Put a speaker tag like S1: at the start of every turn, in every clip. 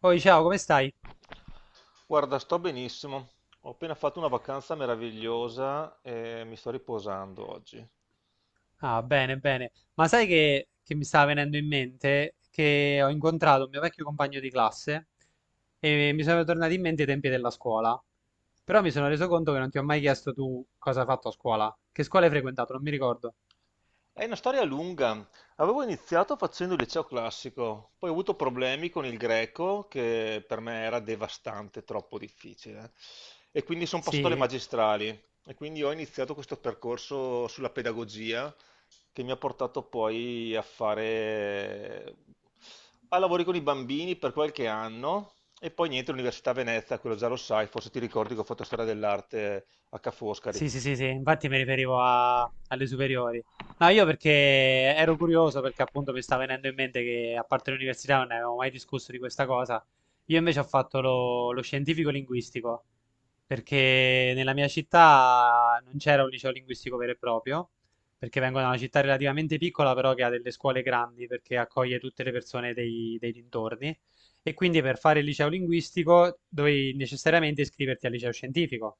S1: Poi ciao, come stai?
S2: Guarda, sto benissimo. Ho appena fatto una vacanza meravigliosa e mi sto riposando oggi.
S1: Ah, bene, bene. Ma sai che mi stava venendo in mente che ho incontrato un mio vecchio compagno di classe e mi sono tornati in mente i tempi della scuola. Però mi sono reso conto che non ti ho mai chiesto tu cosa hai fatto a scuola. Che scuola hai frequentato? Non mi ricordo.
S2: È una storia lunga. Avevo iniziato facendo il liceo classico, poi ho avuto problemi con il greco, che per me era devastante, troppo difficile. E quindi sono passato alle
S1: Sì?
S2: magistrali e quindi ho iniziato questo percorso sulla pedagogia che mi ha portato poi a fare a lavori con i bambini per qualche anno e poi niente, l'Università Venezia, quello già lo sai, forse ti ricordi che ho fatto storia dell'arte a Ca' Foscari.
S1: Sì, sì, sì, sì, infatti mi riferivo alle superiori. No, io perché ero curioso perché appunto mi sta venendo in mente che a parte l'università non ne avevamo mai discusso di questa cosa. Io invece ho fatto lo scientifico linguistico perché nella mia città non c'era un liceo linguistico vero e proprio, perché vengo da una città relativamente piccola però che ha delle scuole grandi perché accoglie tutte le persone dei dintorni e quindi per fare il liceo linguistico dovevi necessariamente iscriverti al liceo scientifico,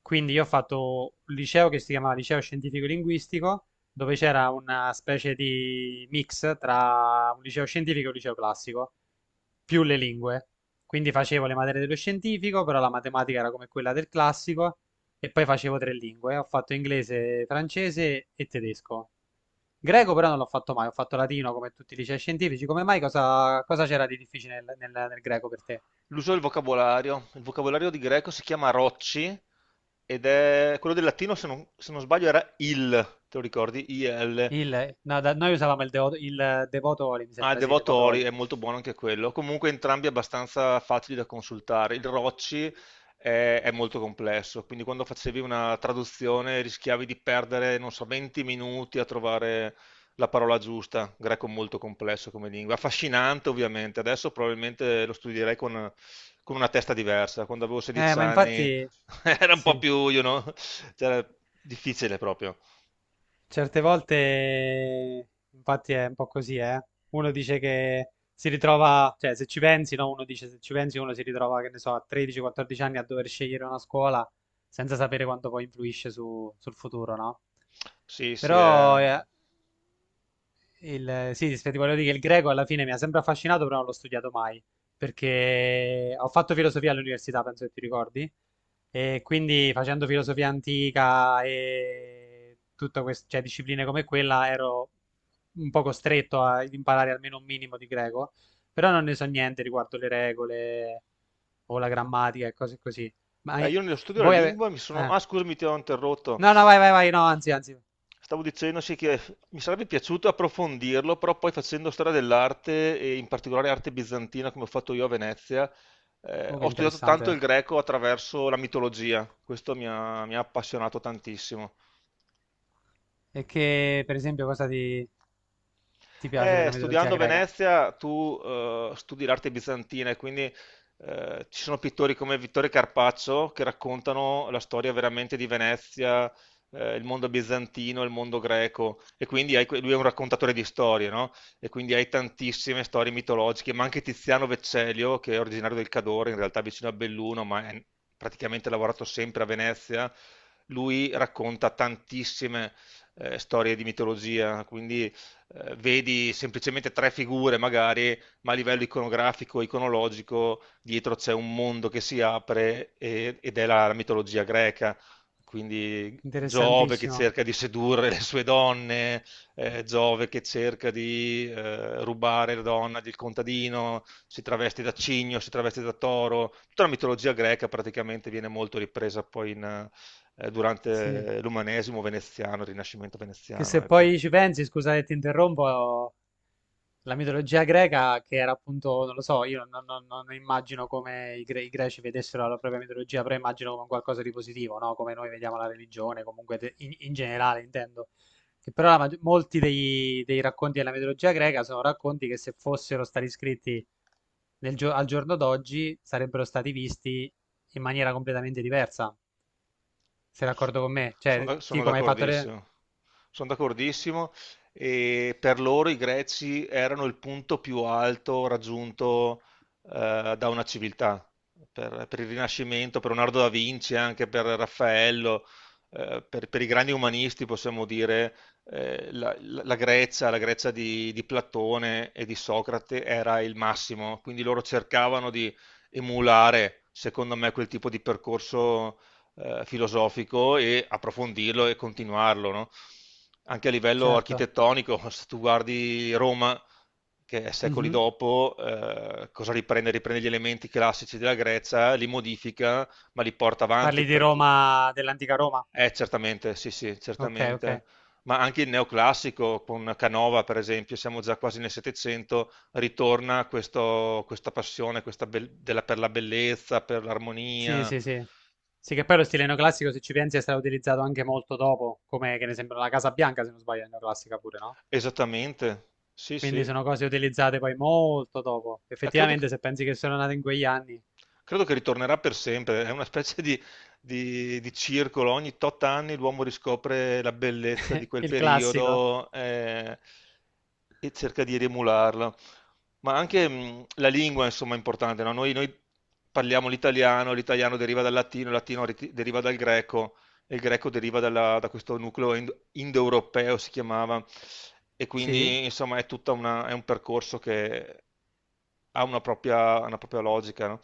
S1: quindi io ho fatto un liceo che si chiamava Liceo Scientifico Linguistico, dove c'era una specie di mix tra un liceo scientifico e un liceo classico, più le lingue. Quindi facevo le materie dello scientifico, però la matematica era come quella del classico, e poi facevo 3 lingue. Ho fatto inglese, francese e tedesco. Greco però non l'ho fatto mai, ho fatto latino come tutti i licei scientifici. Come mai cosa, cosa c'era di difficile nel greco per te?
S2: L'uso del vocabolario. Il vocabolario di greco si chiama rocci ed è quello del latino, se non sbaglio, era il, te lo ricordi? IL.
S1: Il, no, noi usavamo il, il devotoli, mi
S2: Ah, il
S1: sembra, sì,
S2: Devotori
S1: devotoli.
S2: è molto buono anche quello. Comunque entrambi abbastanza facili da consultare. Il Rocci è molto complesso, quindi quando facevi una traduzione rischiavi di perdere, non so, 20 minuti a trovare la parola giusta. Greco molto complesso come lingua. Affascinante, ovviamente. Adesso probabilmente lo studierei con una testa diversa. Quando avevo
S1: Eh,
S2: 16
S1: ma
S2: anni
S1: infatti,
S2: era un po'
S1: sì,
S2: più, cioè, difficile proprio.
S1: certe volte, infatti è un po' così, eh. Uno dice che si ritrova, cioè se ci pensi, no? Uno dice se ci pensi, uno si ritrova, che ne so, a 13-14 anni a dover scegliere una scuola senza sapere quanto poi influisce sul futuro, no?
S2: Sì, sì, è...
S1: Però, eh, sì, sì, sì, ti volevo dire che il greco alla fine mi ha sempre affascinato, però non l'ho studiato mai, perché ho fatto filosofia all'università, penso che ti ricordi, e quindi facendo filosofia antica e tutte queste, cioè, discipline come quella ero un po' costretto ad imparare almeno un minimo di greco, però non ne so niente riguardo le regole o la grammatica e cose così. Ma eh,
S2: Io nello studio della
S1: voi avete...
S2: lingua mi sono...
S1: No,
S2: Ah, scusami, ti ho interrotto.
S1: no, no, anzi, anzi.
S2: Stavo dicendo sì, che mi sarebbe piaciuto approfondirlo, però poi facendo storia dell'arte, e in particolare arte bizantina, come ho fatto io a Venezia,
S1: Comunque
S2: ho studiato tanto il
S1: interessante.
S2: greco attraverso la mitologia. Questo mi ha appassionato tantissimo.
S1: E che, per esempio, cosa ti... Ti piace della mitologia
S2: Studiando a
S1: greca?
S2: Venezia tu studi l'arte bizantina e quindi ci sono pittori come Vittorio Carpaccio che raccontano la storia veramente di Venezia, il mondo bizantino, il mondo greco e quindi hai lui è un raccontatore di storie, no? E quindi hai tantissime storie mitologiche, ma anche Tiziano Vecellio che è originario del Cadore, in realtà vicino a Belluno, ma è praticamente lavorato sempre a Venezia, lui racconta tantissime storie di mitologia, quindi vedi semplicemente tre figure magari, ma a livello iconografico, iconologico, dietro c'è un mondo che si apre ed è la mitologia greca. Quindi Giove che
S1: Interessantissimo.
S2: cerca di sedurre le sue donne, Giove che cerca di rubare la donna del contadino, si traveste da cigno, si traveste da toro. Tutta la mitologia greca praticamente viene molto ripresa poi
S1: Sì.
S2: durante l'umanesimo veneziano, il Rinascimento
S1: Che
S2: veneziano,
S1: se
S2: ecco.
S1: poi ci pensi, scusa che ti interrompo, la mitologia greca, che era appunto, non lo so, io non immagino come i greci vedessero la propria mitologia, però immagino come un qualcosa di positivo, no? Come noi vediamo la religione, comunque in generale intendo. Che però la molti dei racconti della mitologia greca sono racconti che se fossero stati scritti al giorno d'oggi sarebbero stati visti in maniera completamente diversa. Sei d'accordo con me? Cioè, sì,
S2: Sono
S1: come hai fatto te?
S2: d'accordissimo, sono d'accordissimo e per loro i Greci erano il punto più alto raggiunto da una civiltà. Per il Rinascimento, per Leonardo da Vinci, anche per Raffaello, per i grandi umanisti possiamo dire la Grecia, la Grecia, di Platone e di Socrate era il massimo, quindi loro cercavano di emulare, secondo me, quel tipo di percorso filosofico e approfondirlo e continuarlo, no? Anche a livello
S1: Certo.
S2: architettonico, se tu guardi Roma, che è secoli
S1: Mhm.
S2: dopo, cosa riprende? Riprende gli elementi classici della Grecia, li modifica, ma li porta avanti
S1: Parli di
S2: perché...
S1: Roma, dell'antica Roma.
S2: Certamente, sì, sì,
S1: Ok, ok.
S2: certamente. Ma anche il neoclassico con Canova, per esempio, siamo già quasi nel Settecento, ritorna questa passione per la bellezza, per
S1: Sì,
S2: l'armonia.
S1: sì, sì. Sì, che poi lo stile neoclassico, se ci pensi, è stato utilizzato anche molto dopo, come che ne sembra la Casa Bianca, se non sbaglio, è neoclassica pure, no?
S2: Esattamente, sì, sì.
S1: Quindi sono cose utilizzate poi molto dopo.
S2: Credo
S1: Effettivamente,
S2: che
S1: se pensi che sono nate in quegli anni,
S2: Credo che ritornerà per sempre, è una specie di, di circolo, ogni tot anni l'uomo riscopre la bellezza di quel
S1: il classico.
S2: periodo e cerca di riemularla. Ma anche la lingua, insomma, è importante, no? Noi parliamo l'italiano, l'italiano deriva dal latino, il latino deriva dal greco, e il greco deriva da questo nucleo indoeuropeo, si chiamava, e
S1: Sì.
S2: quindi, insomma, è un percorso che ha una propria logica, no?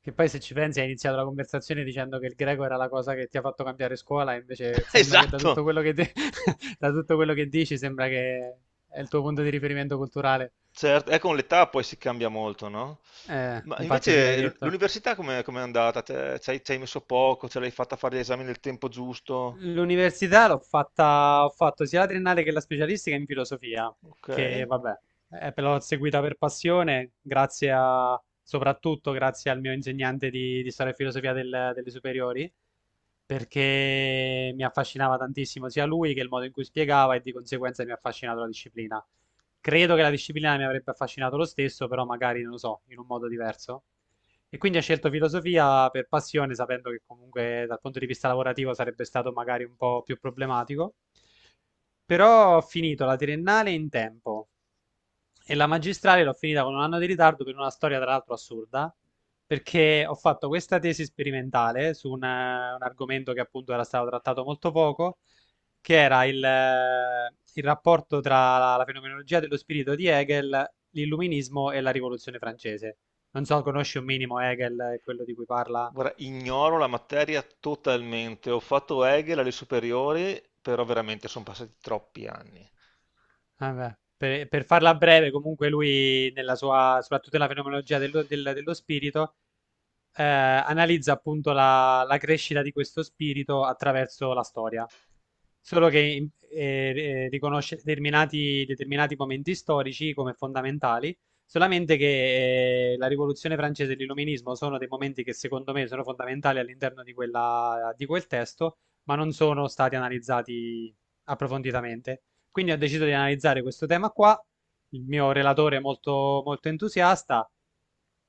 S1: Che poi se ci pensi hai iniziato la conversazione dicendo che il greco era la cosa che ti ha fatto cambiare scuola, e invece sembra che da tutto
S2: Esatto.
S1: quello che, da tutto quello che dici sembra che è il tuo punto di riferimento culturale.
S2: Certo, con l'età poi si cambia molto, no? Ma
S1: Infatti sì, l'hai
S2: invece
S1: detto.
S2: l'università com'è, andata? Ci hai messo poco, ce l'hai fatta fare gli esami nel tempo giusto?
S1: L'università l'ho fatta, ho fatto sia la triennale che la specialistica in filosofia,
S2: Ok.
S1: che vabbè, però l'ho seguita per passione, grazie a, soprattutto grazie al mio insegnante di storia e filosofia delle superiori perché mi affascinava tantissimo sia lui che il modo in cui spiegava e di conseguenza mi ha affascinato la disciplina. Credo che la disciplina mi avrebbe affascinato lo stesso, però magari non lo so, in un modo diverso. E quindi ho scelto filosofia per passione, sapendo che comunque dal punto di vista lavorativo sarebbe stato magari un po' più problematico. Però ho finito la triennale in tempo, e la magistrale l'ho finita con 1 anno di ritardo per una storia tra l'altro assurda, perché ho fatto questa tesi sperimentale su un argomento che appunto era stato trattato molto poco, che era il rapporto tra la fenomenologia dello spirito di Hegel, l'illuminismo e la rivoluzione francese. Non so, conosci un minimo Hegel, quello di cui parla?
S2: Guarda, ignoro la materia totalmente. Ho fatto Hegel alle superiori, però veramente sono passati troppi anni.
S1: Vabbè, per farla breve, comunque lui, nella sua, soprattutto nella fenomenologia dello spirito, analizza appunto la crescita di questo spirito attraverso la storia. Solo che riconosce determinati momenti storici come fondamentali, solamente che la Rivoluzione francese e l'Illuminismo sono dei momenti che secondo me sono fondamentali all'interno di quella, di quel testo, ma non sono stati analizzati approfonditamente. Quindi ho deciso di analizzare questo tema qua. Il mio relatore è molto, molto entusiasta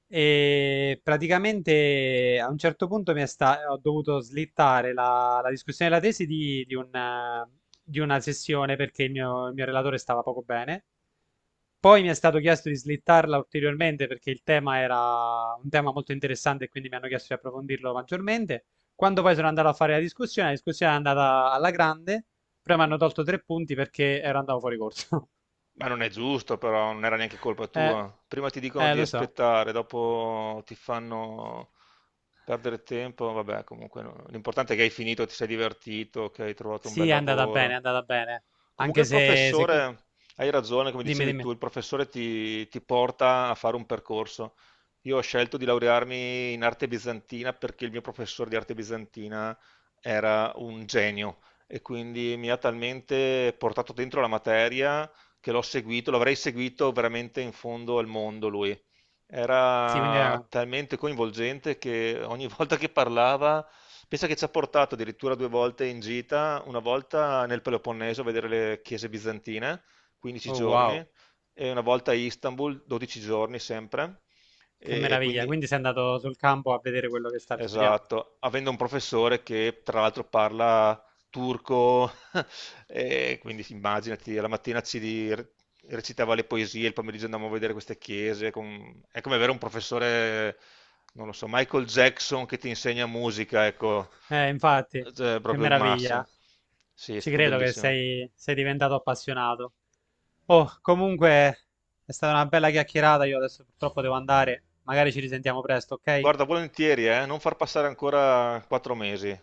S1: e praticamente a un certo punto ho dovuto slittare la discussione della tesi di una sessione perché il mio relatore stava poco bene. Poi mi è stato chiesto di slittarla ulteriormente perché il tema era un tema molto interessante e quindi mi hanno chiesto di approfondirlo maggiormente. Quando poi sono andato a fare la discussione è andata alla grande, però mi hanno tolto 3 punti perché ero andato fuori corso.
S2: Ma non è giusto, però non era neanche colpa
S1: Eh,
S2: tua. Prima ti dicono di
S1: lo so.
S2: aspettare, dopo ti fanno perdere tempo. Vabbè, comunque no. L'importante è che hai finito, ti sei divertito, che hai trovato un bel
S1: Sì, è andata bene, è
S2: lavoro.
S1: andata bene.
S2: Comunque
S1: Anche
S2: il professore, hai ragione, come
S1: dimmi,
S2: dicevi
S1: dimmi.
S2: tu, il professore ti, ti porta a fare un percorso. Io ho scelto di laurearmi in arte bizantina perché il mio professore di arte bizantina era un genio e quindi mi ha talmente portato dentro la materia che l'ho seguito, l'avrei seguito veramente in fondo al mondo lui.
S1: Sì, quindi
S2: Era
S1: era...
S2: talmente coinvolgente che ogni volta che parlava, pensa che ci ha portato addirittura due volte in gita, una volta nel Peloponneso a vedere le chiese bizantine, 15
S1: Oh,
S2: giorni,
S1: wow,
S2: e una volta a Istanbul, 12 giorni sempre.
S1: che
S2: E
S1: meraviglia.
S2: quindi,
S1: Quindi sei andato sul campo a vedere quello che stavi studiando.
S2: esatto, avendo un professore che tra l'altro parla turco, e quindi sì, immaginati, alla mattina ci recitava le poesie, il pomeriggio andavamo a vedere queste chiese. È come avere un professore, non lo so, Michael Jackson che ti insegna musica, ecco.
S1: Infatti,
S2: Cioè,
S1: che
S2: proprio il massimo.
S1: meraviglia.
S2: Sì, è
S1: Ci
S2: stato
S1: credo che
S2: bellissimo.
S1: sei diventato appassionato. Oh, comunque è stata una bella chiacchierata. Io adesso purtroppo devo andare. Magari ci risentiamo presto, ok?
S2: Guarda, volentieri, non far passare ancora 4 mesi.